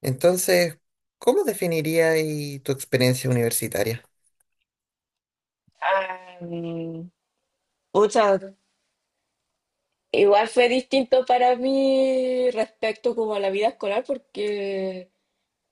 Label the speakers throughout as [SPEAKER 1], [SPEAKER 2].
[SPEAKER 1] Entonces, ¿cómo definirías tu experiencia universitaria?
[SPEAKER 2] Am, pucha, Igual fue distinto para mí respecto como a la vida escolar porque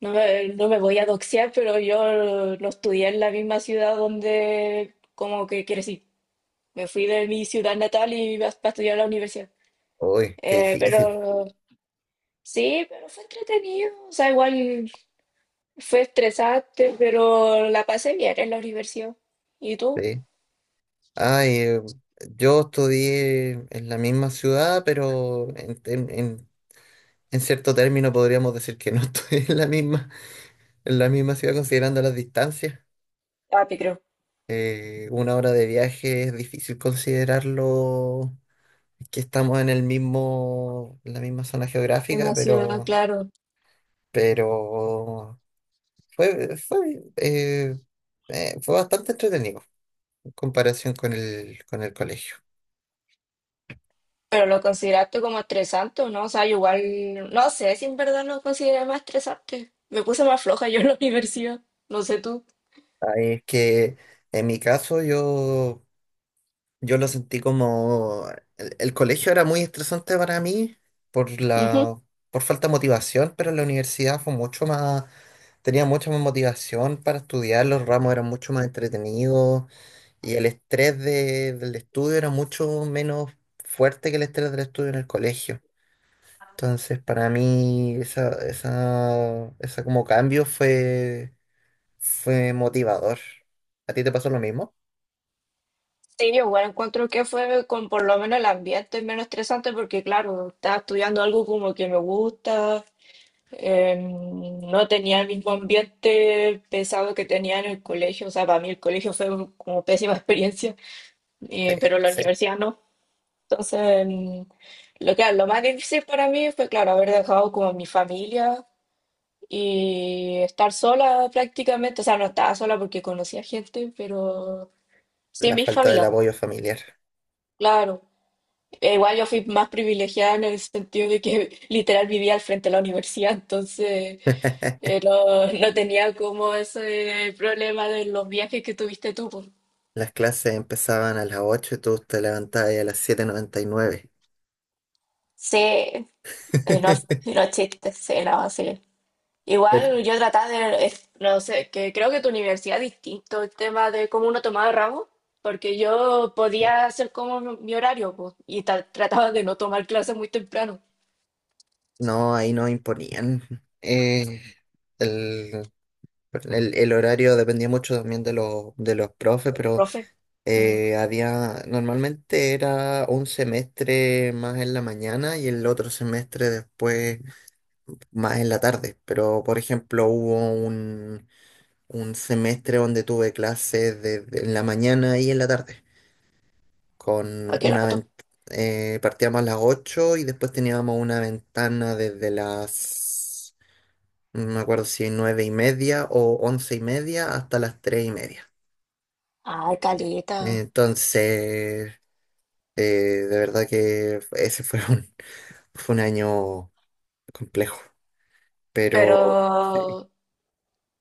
[SPEAKER 2] no me voy a doxear, pero yo no estudié en la misma ciudad donde como que crecí. Me fui de mi ciudad natal y iba para estudiar a la universidad.
[SPEAKER 1] Uy, qué
[SPEAKER 2] Eh,
[SPEAKER 1] difícil.
[SPEAKER 2] pero sí, pero fue entretenido. O sea, igual fue estresante, pero la pasé bien en la universidad. ¿Y tú?
[SPEAKER 1] Sí. Ay, yo estudié en la misma ciudad, pero en cierto término podríamos decir que no estudié en la misma ciudad considerando las distancias.
[SPEAKER 2] Papi, creo.
[SPEAKER 1] Una hora de viaje es difícil considerarlo que estamos en el mismo, en la misma zona
[SPEAKER 2] En
[SPEAKER 1] geográfica,
[SPEAKER 2] mi ciudad,
[SPEAKER 1] pero,
[SPEAKER 2] claro.
[SPEAKER 1] pero Fue, fue, eh, eh, fue bastante entretenido en comparación con el colegio.
[SPEAKER 2] Pero lo consideraste como estresante o no, o sea, yo igual, no sé si en verdad lo consideré más estresante. Me puse más floja yo en la universidad, no sé tú.
[SPEAKER 1] Ahí es que en mi caso yo, yo lo sentí como... El colegio era muy estresante para mí, por
[SPEAKER 2] Ujú.
[SPEAKER 1] la, por falta de motivación, pero la universidad fue mucho más... Tenía mucha más motivación para estudiar, los ramos eran mucho más entretenidos y el estrés del estudio era mucho menos fuerte que el estrés del estudio en el colegio. Entonces, para mí, esa como cambio fue motivador. ¿A ti te pasó lo mismo?
[SPEAKER 2] Sí, yo igual encuentro que fue con por lo menos el ambiente menos estresante porque claro, estaba estudiando algo como que me gusta, no tenía el mismo ambiente pesado que tenía en el colegio, o sea, para mí el colegio fue como pésima experiencia,
[SPEAKER 1] Sí,
[SPEAKER 2] pero la
[SPEAKER 1] sí.
[SPEAKER 2] universidad no. Entonces, lo más difícil para mí fue, claro, haber dejado como mi familia y estar sola prácticamente. O sea, no estaba sola porque conocía gente, pero sí,
[SPEAKER 1] La
[SPEAKER 2] mi
[SPEAKER 1] falta del
[SPEAKER 2] familia, pues,
[SPEAKER 1] apoyo familiar.
[SPEAKER 2] claro. E igual yo fui más privilegiada en el sentido de que literal vivía al frente de la universidad, entonces no tenía como ese problema de los viajes que tuviste tú, pues.
[SPEAKER 1] Las clases empezaban a las 8 y tú te levantabas ahí a las 7.99.
[SPEAKER 2] Sí, no, no chistes, sí, no, sí.
[SPEAKER 1] Pero,
[SPEAKER 2] Igual yo trataba de, no sé, que creo que tu universidad es distinto el tema de cómo uno tomaba ramos, porque yo
[SPEAKER 1] eh,
[SPEAKER 2] podía hacer como mi horario, pues, y trataba de no tomar clases muy temprano.
[SPEAKER 1] no, ahí no imponían. Eh, el, el horario dependía mucho también de los profes.
[SPEAKER 2] El
[SPEAKER 1] Pero
[SPEAKER 2] profe, mm,
[SPEAKER 1] Había, normalmente era un semestre más en la mañana y el otro semestre después más en la tarde. Pero, por ejemplo, hubo un semestre donde tuve clases desde en la mañana y en la tarde.
[SPEAKER 2] ¿a
[SPEAKER 1] Con
[SPEAKER 2] qué la
[SPEAKER 1] una
[SPEAKER 2] mató?
[SPEAKER 1] vent- partíamos a las 8 y después teníamos una ventana desde las, no me acuerdo si 9:30 o 11:30, hasta las 3:30.
[SPEAKER 2] Ay, caleta.
[SPEAKER 1] Entonces. Eh, de verdad que ese fue fue un año complejo, pero sí.
[SPEAKER 2] Pero,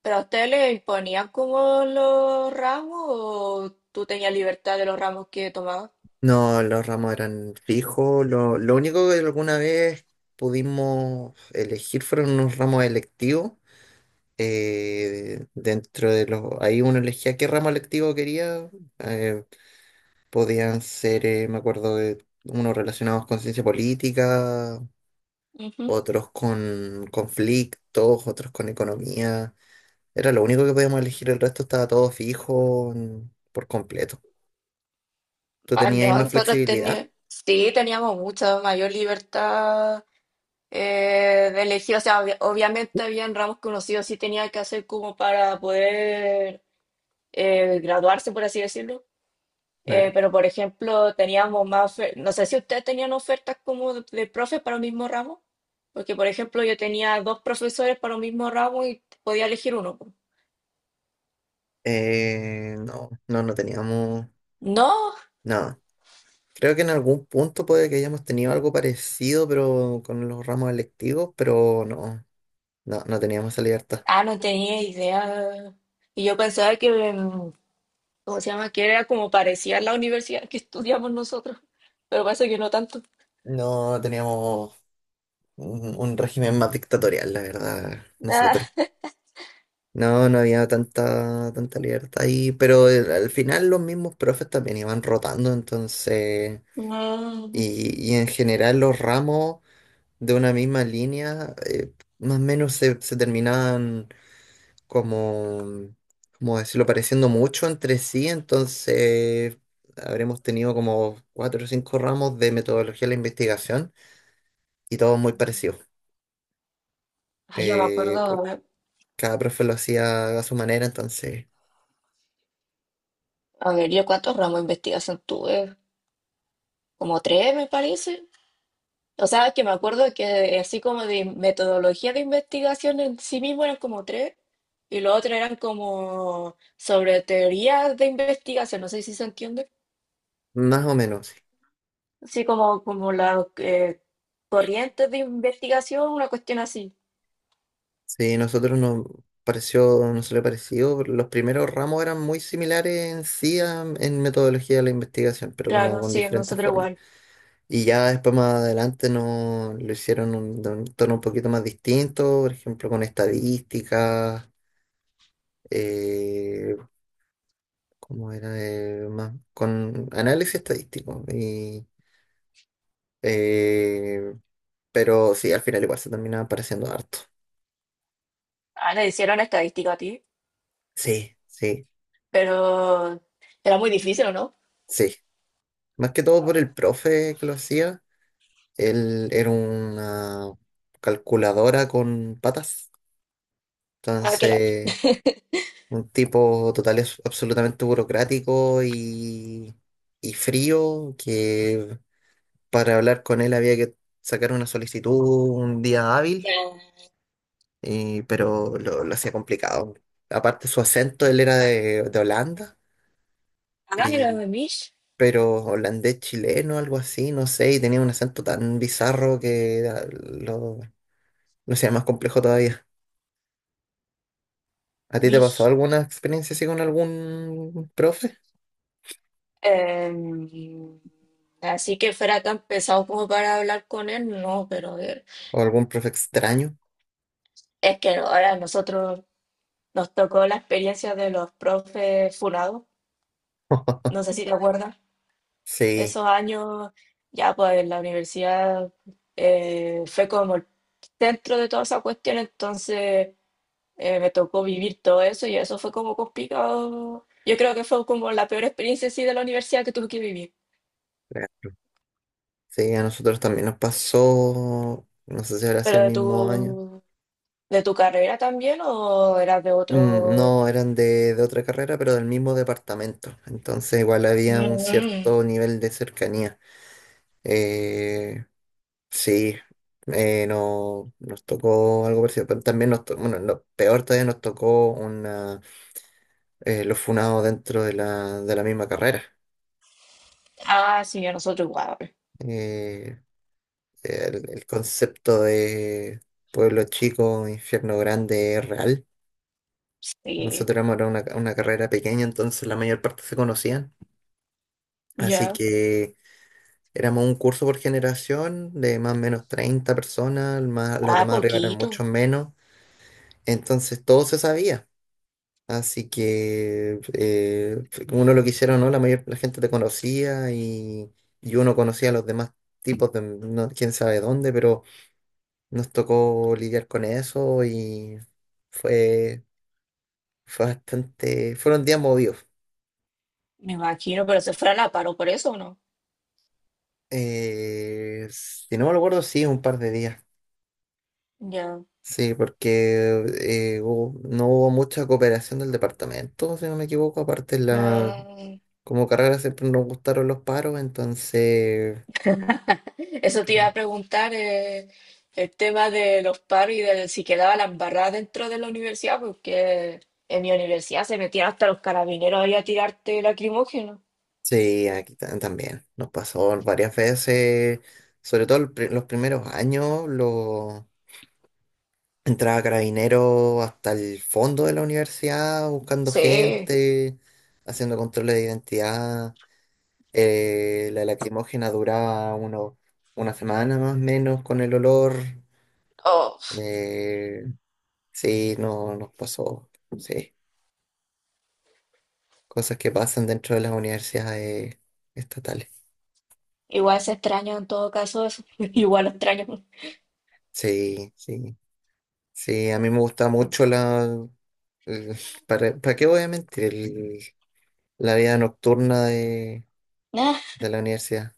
[SPEAKER 2] ¿Pero a usted le imponían como los ramos o tú tenías libertad de los ramos que tomabas?
[SPEAKER 1] No, los ramos eran fijos. Lo único que alguna vez pudimos elegir fueron unos ramos electivos. Ahí uno elegía qué ramo electivo quería. eh, podían ser, me acuerdo, de unos relacionados con ciencia política,
[SPEAKER 2] Ujú.
[SPEAKER 1] otros con conflictos, otros con economía. Era lo único que podíamos elegir, el resto estaba todo fijo, por completo. ¿Tú
[SPEAKER 2] Ah,
[SPEAKER 1] tenías ahí
[SPEAKER 2] no,
[SPEAKER 1] más
[SPEAKER 2] nosotros
[SPEAKER 1] flexibilidad?
[SPEAKER 2] teníamos, sí, teníamos mucha mayor libertad de elegir, o sea, obviamente habían ramos conocidos sí sí tenía que hacer como para poder graduarse, por así decirlo.
[SPEAKER 1] Claro.
[SPEAKER 2] Pero, por ejemplo, teníamos más, no sé si ustedes tenían ofertas como de profes para un mismo ramo, porque, por ejemplo, yo tenía dos profesores para un mismo ramo y podía elegir uno, po.
[SPEAKER 1] No, no, no teníamos
[SPEAKER 2] No,
[SPEAKER 1] nada. Creo que en algún punto puede que hayamos tenido algo parecido, pero con los ramos electivos, pero no, no, no teníamos esa libertad.
[SPEAKER 2] ah, no tenía idea. Y yo pensaba que, ¿cómo se llama? Que era como parecía la universidad que estudiamos nosotros, pero parece que no tanto.
[SPEAKER 1] No teníamos un régimen más dictatorial, la verdad, nosotros.
[SPEAKER 2] Ah.
[SPEAKER 1] No, no había tanta, tanta libertad ahí, pero al final los mismos profes también iban rotando. Entonces
[SPEAKER 2] Mm.
[SPEAKER 1] y en general los ramos de una misma línea, más o menos se terminaban, como, como decirlo, pareciendo mucho entre sí. Entonces habremos tenido como cuatro o cinco ramos de metodología de la investigación, y todos muy parecidos.
[SPEAKER 2] Ay, yo me
[SPEAKER 1] Eh,
[SPEAKER 2] acuerdo,
[SPEAKER 1] por- cada profe lo hacía a su manera, entonces
[SPEAKER 2] a ver, yo cuántos ramos de investigación tuve, como tres me parece. O sea, que me acuerdo que así como de metodología de investigación en sí mismo eran como tres, y lo otro eran como sobre teorías de investigación, no sé si se entiende.
[SPEAKER 1] más o menos. Sí.
[SPEAKER 2] Así como, como las corrientes de investigación, una cuestión así.
[SPEAKER 1] Sí, nosotros nos le pareció, los primeros ramos eran muy similares en sí, en metodología de la investigación, pero como
[SPEAKER 2] Claro,
[SPEAKER 1] con
[SPEAKER 2] sí,
[SPEAKER 1] diferentes
[SPEAKER 2] nosotros
[SPEAKER 1] formas.
[SPEAKER 2] igual.
[SPEAKER 1] Y ya después, más adelante, no, lo hicieron de un tono un poquito más distinto, por ejemplo con estadísticas. eh, ¿Cómo era? Más, con análisis estadístico. Y, eh, pero sí, al final igual se terminaba pareciendo harto.
[SPEAKER 2] Ah, le hicieron estadística a ti,
[SPEAKER 1] Sí, sí,
[SPEAKER 2] pero era muy difícil, ¿o no?
[SPEAKER 1] sí. Más que todo por el profe que lo hacía. Él era una calculadora con patas.
[SPEAKER 2] Ah, qué lata.
[SPEAKER 1] Entonces, un tipo total, absolutamente burocrático y frío, que para hablar con él había que sacar una solicitud un día hábil,
[SPEAKER 2] Ya.
[SPEAKER 1] pero lo hacía complicado. Aparte, su acento, él era de Holanda,
[SPEAKER 2] Ah, era
[SPEAKER 1] y,
[SPEAKER 2] de Mish.
[SPEAKER 1] pero holandés chileno, algo así, no sé, y tenía un acento tan bizarro que lo hacía más complejo todavía. ¿A ti te pasó
[SPEAKER 2] Mish,
[SPEAKER 1] alguna experiencia así con algún profe?
[SPEAKER 2] em, así que fuera tan pesado como para hablar con él, no, pero
[SPEAKER 1] ¿O algún profe extraño?
[SPEAKER 2] es que ahora nosotros nos tocó la experiencia de los profes funados, no sé si te acuerdas,
[SPEAKER 1] Sí,
[SPEAKER 2] esos años ya pues en la universidad fue como el centro de toda esa cuestión, entonces me tocó vivir todo eso y eso fue como complicado. Yo creo que fue como la peor experiencia sí de la universidad que tuve que vivir,
[SPEAKER 1] claro. Sí, a nosotros también nos pasó, no sé si habrá sido el
[SPEAKER 2] pero
[SPEAKER 1] mismo año.
[SPEAKER 2] tú... ¿De tu carrera también o eras de
[SPEAKER 1] Mm,
[SPEAKER 2] otro?
[SPEAKER 1] no, eran de otra carrera, pero del mismo departamento. Entonces igual había un
[SPEAKER 2] Mm,
[SPEAKER 1] cierto nivel de cercanía. Eh, sí, no, nos tocó algo parecido, pero también nos tocó, bueno, lo peor todavía nos tocó una, los funados dentro de la misma carrera.
[SPEAKER 2] Ah, sí, a nosotros igual.
[SPEAKER 1] Eh, el concepto de pueblo chico, infierno grande es real.
[SPEAKER 2] Sí,
[SPEAKER 1] Nosotros éramos era una carrera pequeña, entonces la mayor parte se conocían. Así
[SPEAKER 2] ya.
[SPEAKER 1] que éramos un curso por generación de más o menos 30 personas. Más, los
[SPEAKER 2] Ah,
[SPEAKER 1] demás arriba eran
[SPEAKER 2] poquito,
[SPEAKER 1] muchos menos. Entonces todo se sabía. Así que uno lo quisiera o no, la gente te conocía y uno conocía a los demás tipos de quién sabe dónde, pero nos tocó lidiar con eso, y fue, fue bastante, fueron días movidos.
[SPEAKER 2] me imagino, pero se fue a la paro por eso, ¿o no?
[SPEAKER 1] Si no me lo acuerdo, sí, un par de días.
[SPEAKER 2] Ya.
[SPEAKER 1] Sí, porque no hubo mucha cooperación del departamento, si no me equivoco. Aparte,
[SPEAKER 2] Ah,
[SPEAKER 1] como carrera siempre nos gustaron los paros. Entonces
[SPEAKER 2] eso te iba a preguntar, el tema de los paros y de si quedaba la embarrada dentro de la universidad, porque en mi universidad se metían hasta los carabineros ahí a tirarte lacrimógeno.
[SPEAKER 1] sí, aquí también nos pasó varias veces, sobre todo los primeros años. Los Entraba Carabinero hasta el fondo de la universidad buscando
[SPEAKER 2] Sí.
[SPEAKER 1] gente, haciendo controles de identidad. La lacrimógena duraba una semana más o menos con el olor.
[SPEAKER 2] Oh,
[SPEAKER 1] Eh, sí, no nos pasó. Sí, cosas que pasan dentro de las universidades estatales.
[SPEAKER 2] igual se extraña en todo caso eso. Igual lo extraño.
[SPEAKER 1] Sí, sí. Sí, a mí me gusta mucho ¿Para qué voy a mentir? La vida nocturna de la universidad.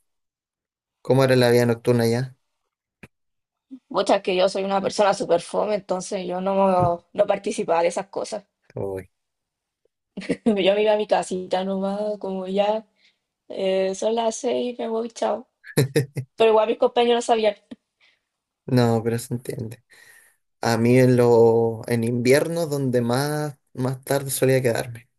[SPEAKER 1] ¿Cómo era la vida nocturna ya?
[SPEAKER 2] Muchas que yo soy una persona súper fome, entonces yo no, no participaba de esas cosas.
[SPEAKER 1] Uy.
[SPEAKER 2] Yo me iba a mi casita nomás, como ya son las 6, me voy, chao. Pero igual mis compañeros sabían.
[SPEAKER 1] No, pero se entiende. A mí en invierno donde más, más tarde solía quedarme.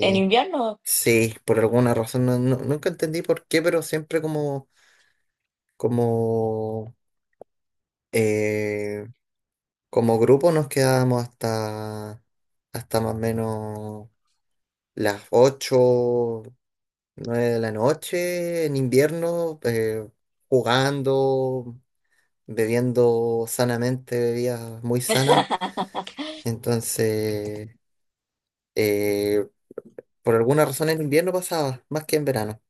[SPEAKER 2] En invierno,
[SPEAKER 1] sí, por alguna razón, nunca entendí por qué, pero siempre como, eh, como grupo nos quedábamos hasta, hasta más o menos las 8, 9 de la noche en invierno, jugando, bebiendo sanamente, bebidas muy sanas. Entonces, eh, por alguna razón en invierno pasaba más que en verano.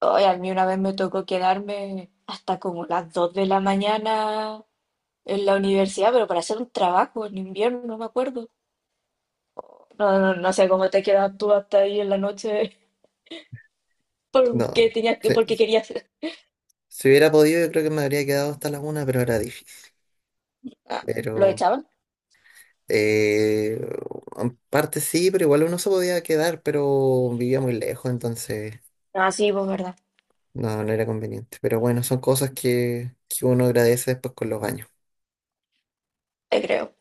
[SPEAKER 2] hoy a mí una vez me tocó quedarme hasta como las 2 de la mañana en la universidad, pero para hacer un trabajo en invierno, no me acuerdo. No, no, no sé cómo te quedas tú hasta ahí en la noche, porque
[SPEAKER 1] No,
[SPEAKER 2] tenías que,
[SPEAKER 1] si,
[SPEAKER 2] porque querías.
[SPEAKER 1] si hubiera podido, yo creo que me habría quedado hasta la 1, pero era difícil.
[SPEAKER 2] Ah, ¿lo
[SPEAKER 1] Pero,
[SPEAKER 2] echaban?
[SPEAKER 1] eh, en parte sí, pero igual uno se podía quedar, pero vivía muy lejos, entonces
[SPEAKER 2] Ah, sí, pues verdad,
[SPEAKER 1] no era conveniente. Pero bueno, son cosas que uno agradece después con los años.
[SPEAKER 2] te creo.